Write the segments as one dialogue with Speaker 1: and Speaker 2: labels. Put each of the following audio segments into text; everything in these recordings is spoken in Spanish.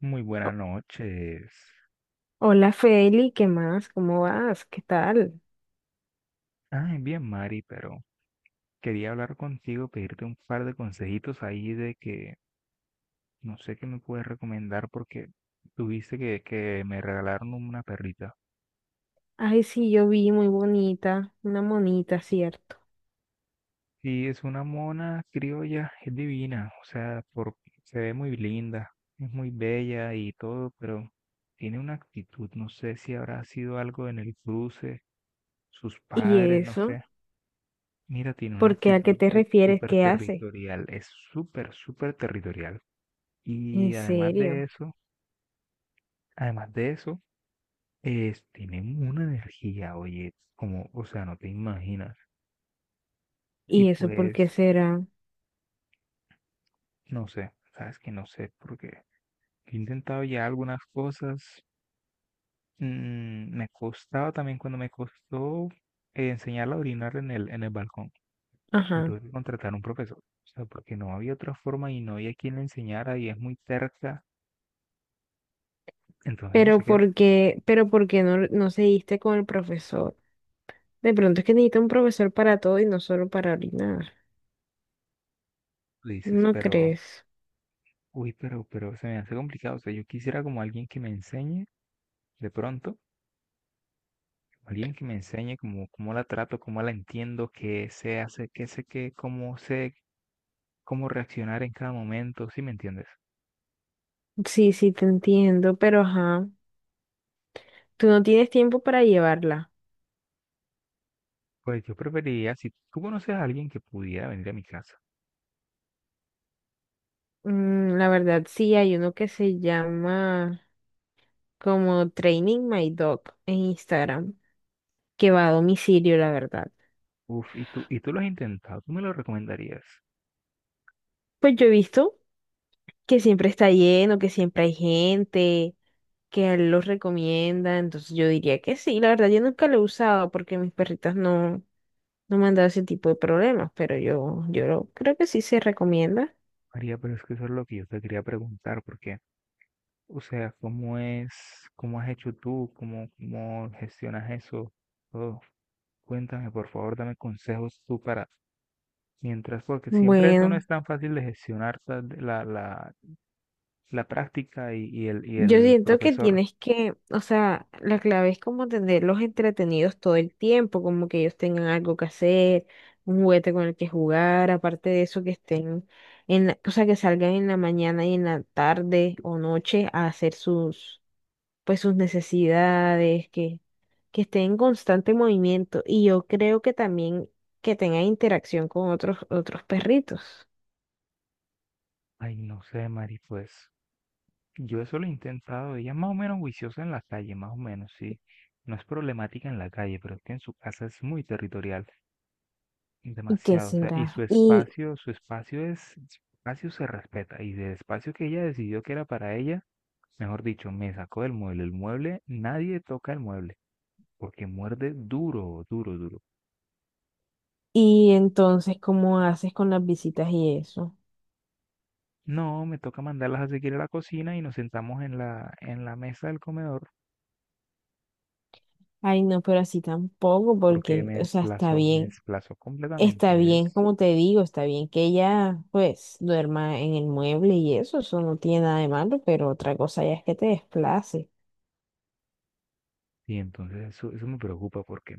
Speaker 1: Muy buenas
Speaker 2: O-
Speaker 1: noches.
Speaker 2: Hola Feli, ¿qué más? ¿Cómo vas? ¿Qué tal?
Speaker 1: Ay, bien, Mari, pero quería hablar contigo, pedirte un par de consejitos ahí de que no sé qué me puedes recomendar porque tuviste que me regalaron una perrita.
Speaker 2: Ay, sí, yo vi muy bonita, una monita, ¿cierto?
Speaker 1: Sí, es una mona criolla, es divina. O sea, por, se ve muy linda, es muy bella y todo, pero tiene una actitud. No sé si habrá sido algo en el cruce, sus
Speaker 2: ¿Y
Speaker 1: padres, no
Speaker 2: eso?
Speaker 1: sé. Mira, tiene una
Speaker 2: ¿Por qué? ¿A qué
Speaker 1: actitud
Speaker 2: te
Speaker 1: de
Speaker 2: refieres?
Speaker 1: súper
Speaker 2: ¿Qué hace?
Speaker 1: territorial, es súper, súper territorial.
Speaker 2: ¿En
Speaker 1: Y
Speaker 2: serio?
Speaker 1: además de eso, es, tienen una energía, oye, como, o sea, no te imaginas. Y
Speaker 2: ¿Y eso por
Speaker 1: pues
Speaker 2: qué será?
Speaker 1: no sé, sabes que no sé, porque he intentado ya algunas cosas. Me costaba también cuando me costó enseñarla a orinar en el balcón. Me
Speaker 2: Ajá.
Speaker 1: tuve que contratar un profesor, o sea, porque no había otra forma y no había quien le enseñara y es muy cerca. Entonces no
Speaker 2: Pero
Speaker 1: sé qué
Speaker 2: ¿por
Speaker 1: hacer.
Speaker 2: qué, pero por qué no, no seguiste con el profesor? De pronto es que necesita un profesor para todo y no solo para orinar.
Speaker 1: Tú dices,
Speaker 2: ¿No
Speaker 1: pero
Speaker 2: crees?
Speaker 1: uy, pero se me hace complicado. O sea, yo quisiera como alguien que me enseñe, de pronto, alguien que me enseñe como cómo la trato, cómo la entiendo, qué se hace, qué sé qué, cómo sé, cómo reaccionar en cada momento, ¿sí me entiendes?
Speaker 2: Sí, sí, te entiendo, pero ajá. Tú no tienes tiempo para llevarla.
Speaker 1: Pues yo preferiría, si tú conoces a alguien que pudiera venir a mi casa,
Speaker 2: Mm, la verdad, sí, hay uno que se llama como Training My Dog en Instagram, que va a domicilio, la verdad.
Speaker 1: uf. ¿Y tú, y tú lo has intentado? ¿Tú me lo recomendarías?
Speaker 2: Pues yo he visto que siempre está lleno, que siempre hay gente, que a él los recomienda, entonces yo diría que sí. La verdad, yo nunca lo he usado porque mis perritas no me han dado ese tipo de problemas, pero yo creo que sí se recomienda.
Speaker 1: María, pero es que eso es lo que yo te quería preguntar, porque o sea, ¿cómo es, cómo has hecho tú, cómo, cómo gestionas eso? Todo. Cuéntame, por favor, dame consejos tú para, mientras, porque siempre eso no
Speaker 2: Bueno.
Speaker 1: es tan fácil de gestionar la práctica y el, y
Speaker 2: Yo
Speaker 1: el
Speaker 2: siento que
Speaker 1: profesor.
Speaker 2: tienes que, o sea, la clave es como tenerlos entretenidos todo el tiempo, como que ellos tengan algo que hacer, un juguete con el que jugar, aparte de eso que estén o sea, que salgan en la mañana y en la tarde o noche a hacer sus, pues sus necesidades, que estén en constante movimiento y yo creo que también que tengan interacción con otros perritos.
Speaker 1: Ay, no sé, Mari, pues yo eso lo he intentado. Ella es más o menos juiciosa en la calle, más o menos, sí. No es problemática en la calle, pero es que en su casa es muy territorial.
Speaker 2: ¿Y qué
Speaker 1: Demasiado, o sea, y
Speaker 2: será?
Speaker 1: su espacio es, su espacio se respeta, y del espacio que ella decidió que era para ella, mejor dicho, me sacó del mueble. El mueble, nadie toca el mueble, porque muerde duro, duro, duro.
Speaker 2: Y entonces, ¿cómo haces con las visitas y eso?
Speaker 1: No, me toca mandarlas a seguir a la cocina y nos sentamos en la mesa del comedor,
Speaker 2: Ay, no, pero así tampoco,
Speaker 1: porque
Speaker 2: porque, o sea,
Speaker 1: me desplazó
Speaker 2: está
Speaker 1: completamente,
Speaker 2: bien,
Speaker 1: es,
Speaker 2: como te digo, está bien que ella, pues, duerma en el mueble y eso no tiene nada de malo, pero otra cosa ya es que te desplace.
Speaker 1: y entonces eso me preocupa, porque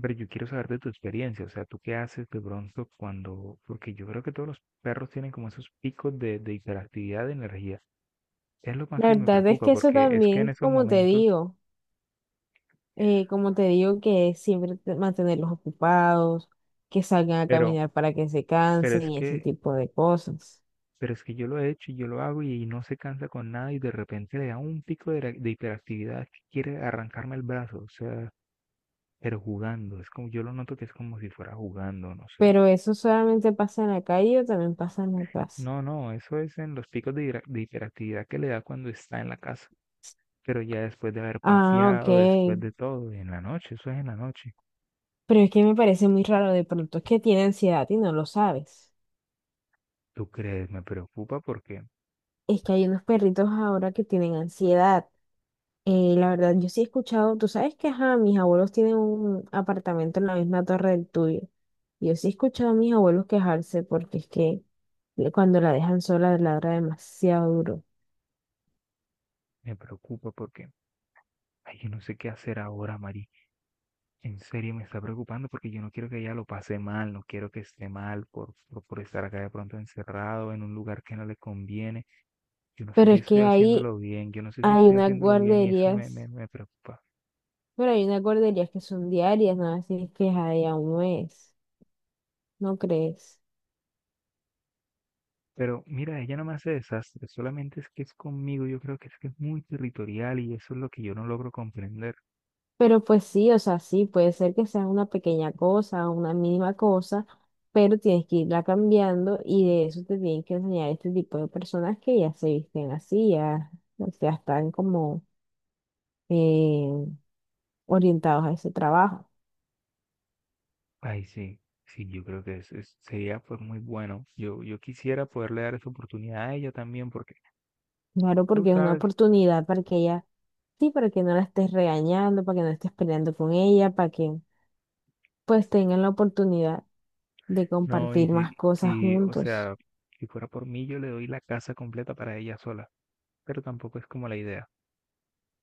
Speaker 1: pero yo quiero saber de tu experiencia. O sea, ¿tú qué haces de pronto cuando, porque yo creo que todos los perros tienen como esos picos de hiperactividad de energía? Es lo más
Speaker 2: La
Speaker 1: que me
Speaker 2: verdad es
Speaker 1: preocupa,
Speaker 2: que eso
Speaker 1: porque es que en
Speaker 2: también,
Speaker 1: esos momentos,
Speaker 2: como te digo, que siempre te- mantenerlos ocupados, que salgan a
Speaker 1: pero,
Speaker 2: caminar para que se
Speaker 1: pero
Speaker 2: cansen
Speaker 1: es
Speaker 2: y ese
Speaker 1: que,
Speaker 2: tipo de cosas.
Speaker 1: pero es que yo lo he hecho y yo lo hago y no se cansa con nada y de repente le da un pico de hiperactividad que quiere arrancarme el brazo. O sea, pero jugando, es como, yo lo noto que es como si fuera jugando, no sé.
Speaker 2: Pero eso solamente pasa en la calle o también pasa en la casa.
Speaker 1: No, no, eso es en los picos de de hiperactividad que le da cuando está en la casa. Pero ya después de haber
Speaker 2: Ah,
Speaker 1: paseado, después
Speaker 2: ok.
Speaker 1: de todo, en la noche, eso es en la noche.
Speaker 2: Pero es que me parece muy raro, de pronto es que tiene ansiedad y no lo sabes.
Speaker 1: ¿Tú crees?
Speaker 2: Es que hay unos perritos ahora que tienen ansiedad. La verdad, yo sí he escuchado, tú sabes que ajá, mis abuelos tienen un apartamento en la misma torre del tuyo. Yo sí he escuchado a mis abuelos quejarse porque es que le- cuando la dejan sola ladra demasiado duro.
Speaker 1: Me preocupa porque, ay, yo no sé qué hacer ahora, Mari. En serio me está preocupando porque yo no quiero que ella lo pase mal, no quiero que esté mal por estar acá de pronto encerrado en un lugar que no le conviene. Yo no sé
Speaker 2: Pero
Speaker 1: si
Speaker 2: es
Speaker 1: estoy
Speaker 2: que ahí
Speaker 1: haciéndolo bien, yo no sé si
Speaker 2: hay
Speaker 1: estoy
Speaker 2: unas
Speaker 1: haciéndolo bien y eso me,
Speaker 2: guarderías,
Speaker 1: me, me preocupa.
Speaker 2: pero hay unas guarderías que son diarias, no así es que ahí a un mes, ¿no crees?
Speaker 1: Pero mira, ella no me hace desastre, solamente es que es conmigo. Yo creo que es muy territorial y eso es lo que yo no logro comprender.
Speaker 2: Pero pues sí, o sea, sí, puede ser que sea una pequeña cosa, una mínima cosa, pero tienes que irla cambiando y de eso te tienen que enseñar este tipo de personas que ya se visten así, ya, o sea, están como eh, orientados a ese trabajo.
Speaker 1: Ay, sí, sí, yo creo que sería pues muy bueno. Yo quisiera poderle dar esa oportunidad a ella también, porque
Speaker 2: Claro,
Speaker 1: tú
Speaker 2: porque es una
Speaker 1: sabes,
Speaker 2: oportunidad para que ella, sí, para que no la estés regañando, para que no estés peleando con ella, para que pues tengan la oportunidad de
Speaker 1: no, y
Speaker 2: compartir más
Speaker 1: si,
Speaker 2: cosas
Speaker 1: y, o
Speaker 2: juntos.
Speaker 1: sea, si fuera por mí, yo le doy la casa completa para ella sola, pero tampoco es como la idea.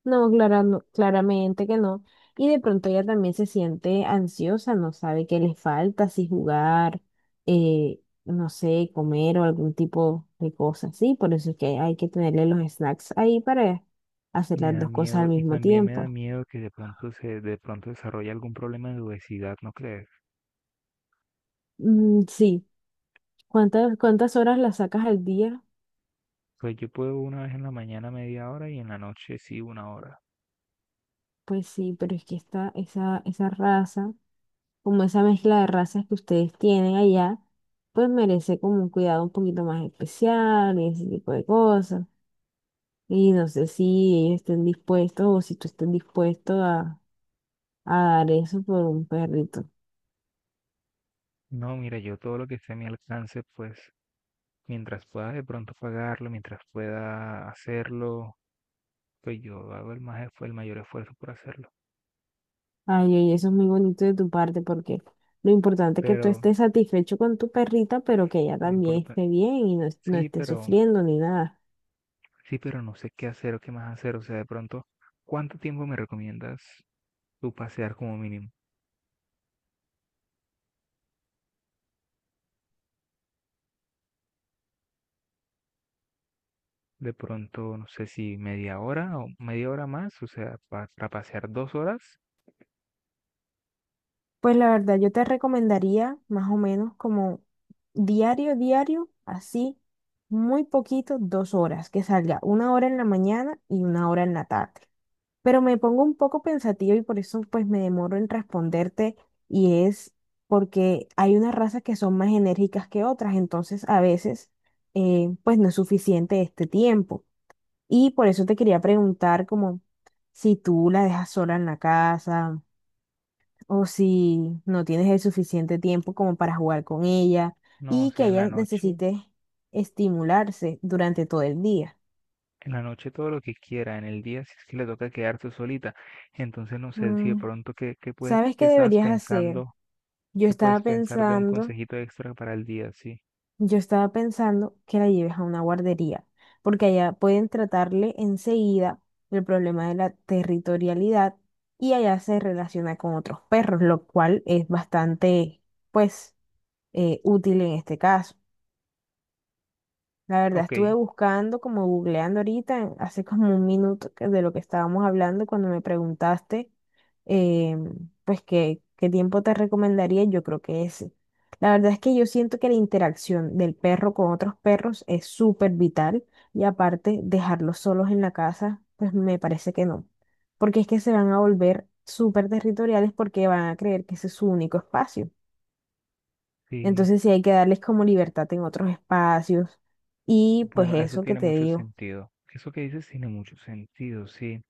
Speaker 2: No, clara- no, claramente que no. Y de pronto ella también se siente ansiosa, no sabe qué le falta, si jugar, no sé, comer o algún tipo de cosa así. Por eso es que hay que tenerle los snacks ahí para hacer
Speaker 1: Me
Speaker 2: las
Speaker 1: da
Speaker 2: dos cosas al
Speaker 1: miedo, y
Speaker 2: mismo
Speaker 1: también me da
Speaker 2: tiempo.
Speaker 1: miedo que de pronto se, de pronto desarrolle algún problema de obesidad, ¿no crees?
Speaker 2: Mm, sí, ¿cuántas horas la sacas al día?
Speaker 1: Pues yo puedo una vez en la mañana media hora y en la noche sí 1 hora.
Speaker 2: Pues sí, pero es que esa raza. Como esa mezcla de razas que ustedes tienen allá, pues merece como un cuidado un poquito más especial y ese tipo de cosas. Y no sé si ellos estén dispuestos o si tú estén dispuesto a dar eso por un perrito.
Speaker 1: No, mira, yo todo lo que esté a mi alcance, pues mientras pueda de pronto pagarlo, mientras pueda hacerlo, pues yo hago el más, el mayor esfuerzo por hacerlo.
Speaker 2: Ay, oye, eso es muy bonito de tu parte porque lo importante es que tú
Speaker 1: Pero
Speaker 2: estés satisfecho con tu perrita, pero que ella
Speaker 1: no
Speaker 2: también
Speaker 1: importa.
Speaker 2: esté bien y no, es- no
Speaker 1: Sí,
Speaker 2: esté
Speaker 1: pero
Speaker 2: sufriendo ni nada.
Speaker 1: sí, pero no sé qué hacer o qué más hacer. O sea, de pronto, ¿cuánto tiempo me recomiendas tú pasear como mínimo? De pronto, no sé si media hora o media hora más, o sea, para pasear 2 horas,
Speaker 2: Pues la verdad, yo te recomendaría más o menos como diario, diario, así, muy poquito, dos horas, que salga una hora en la mañana y una hora en la tarde. Pero me pongo un poco pensativa y por eso pues me demoro en responderte y es porque hay unas razas que son más enérgicas que otras, entonces a veces pues no es suficiente este tiempo. Y por eso te quería preguntar como si tú la dejas sola en la casa o si no tienes el suficiente tiempo como para jugar con ella
Speaker 1: no, o
Speaker 2: y que
Speaker 1: sea,
Speaker 2: ella necesite estimularse durante todo el día.
Speaker 1: en la noche todo lo que quiera, en el día si es que le toca quedarse solita. Entonces, no sé si de
Speaker 2: Mm,
Speaker 1: pronto, ¿qué, qué puedes,
Speaker 2: ¿sabes
Speaker 1: qué
Speaker 2: qué
Speaker 1: estabas
Speaker 2: deberías hacer?
Speaker 1: pensando?
Speaker 2: Yo
Speaker 1: ¿Qué
Speaker 2: estaba
Speaker 1: puedes pensar de un
Speaker 2: pensando,
Speaker 1: consejito extra para el día? Sí.
Speaker 2: yo estaba pensando que la lleves a una guardería, porque allá pueden tratarle enseguida el problema de la territorialidad y allá se relaciona con otros perros, lo cual es bastante, pues, útil en este caso. La verdad,
Speaker 1: Ok,
Speaker 2: estuve buscando, como googleando ahorita, en- hace como un minuto que- de lo que estábamos hablando cuando me preguntaste, eh, pues, qué, qué tiempo te recomendaría, yo creo que ese. La verdad es que yo siento que la interacción del perro con otros perros es súper vital y aparte dejarlos solos en la casa, pues me parece que no, porque es que se van a volver súper territoriales porque van a creer que ese es su único espacio.
Speaker 1: sí.
Speaker 2: Entonces sí hay que darles como libertad en otros espacios. Y pues
Speaker 1: Bueno, eso
Speaker 2: eso que
Speaker 1: tiene
Speaker 2: te
Speaker 1: mucho
Speaker 2: digo,
Speaker 1: sentido. Eso que dices tiene mucho sentido, sí.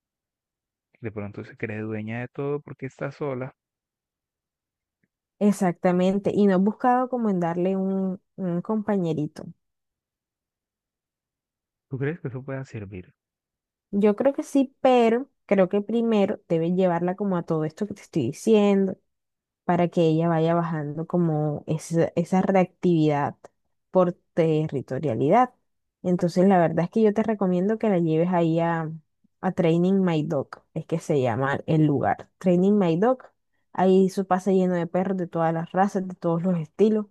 Speaker 1: De pronto se cree dueña de todo porque está sola.
Speaker 2: exactamente. Y no he buscado como en darle un compañerito.
Speaker 1: ¿Tú crees que eso pueda servir?
Speaker 2: Yo creo que sí, pero creo que primero debes llevarla como a todo esto que te estoy diciendo para que ella vaya bajando como esa reactividad por territorialidad. Entonces, la verdad es que yo te recomiendo que la lleves ahí a Training My Dog, es que se llama el lugar. Training My Dog, ahí eso pasa lleno de perros de todas las razas, de todos los estilos,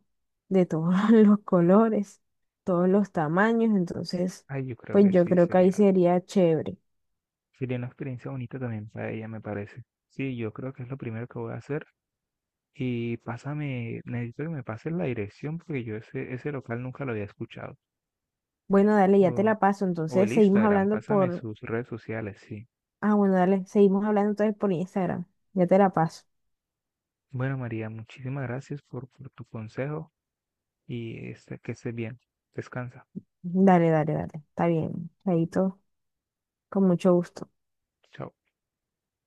Speaker 2: de todos los colores, todos los tamaños. Entonces,
Speaker 1: Ay, yo creo
Speaker 2: pues
Speaker 1: que
Speaker 2: yo
Speaker 1: sí,
Speaker 2: creo que ahí
Speaker 1: sería,
Speaker 2: sería chévere.
Speaker 1: sería una experiencia bonita también para ella, me parece. Sí, yo creo que es lo primero que voy a hacer. Y pásame, necesito que me pases la dirección porque yo ese, ese local nunca lo había escuchado.
Speaker 2: Bueno, dale, ya te
Speaker 1: O,
Speaker 2: la paso.
Speaker 1: o
Speaker 2: Entonces,
Speaker 1: el
Speaker 2: seguimos
Speaker 1: Instagram,
Speaker 2: hablando
Speaker 1: pásame
Speaker 2: por.
Speaker 1: sus redes sociales, sí.
Speaker 2: Ah, bueno, dale, seguimos hablando entonces por Instagram. Ya te la paso.
Speaker 1: Bueno, María, muchísimas gracias por tu consejo y este, que estés bien. Descansa.
Speaker 2: Dale, dale, dale. Está bien. Chaito, con mucho gusto.
Speaker 1: Chao.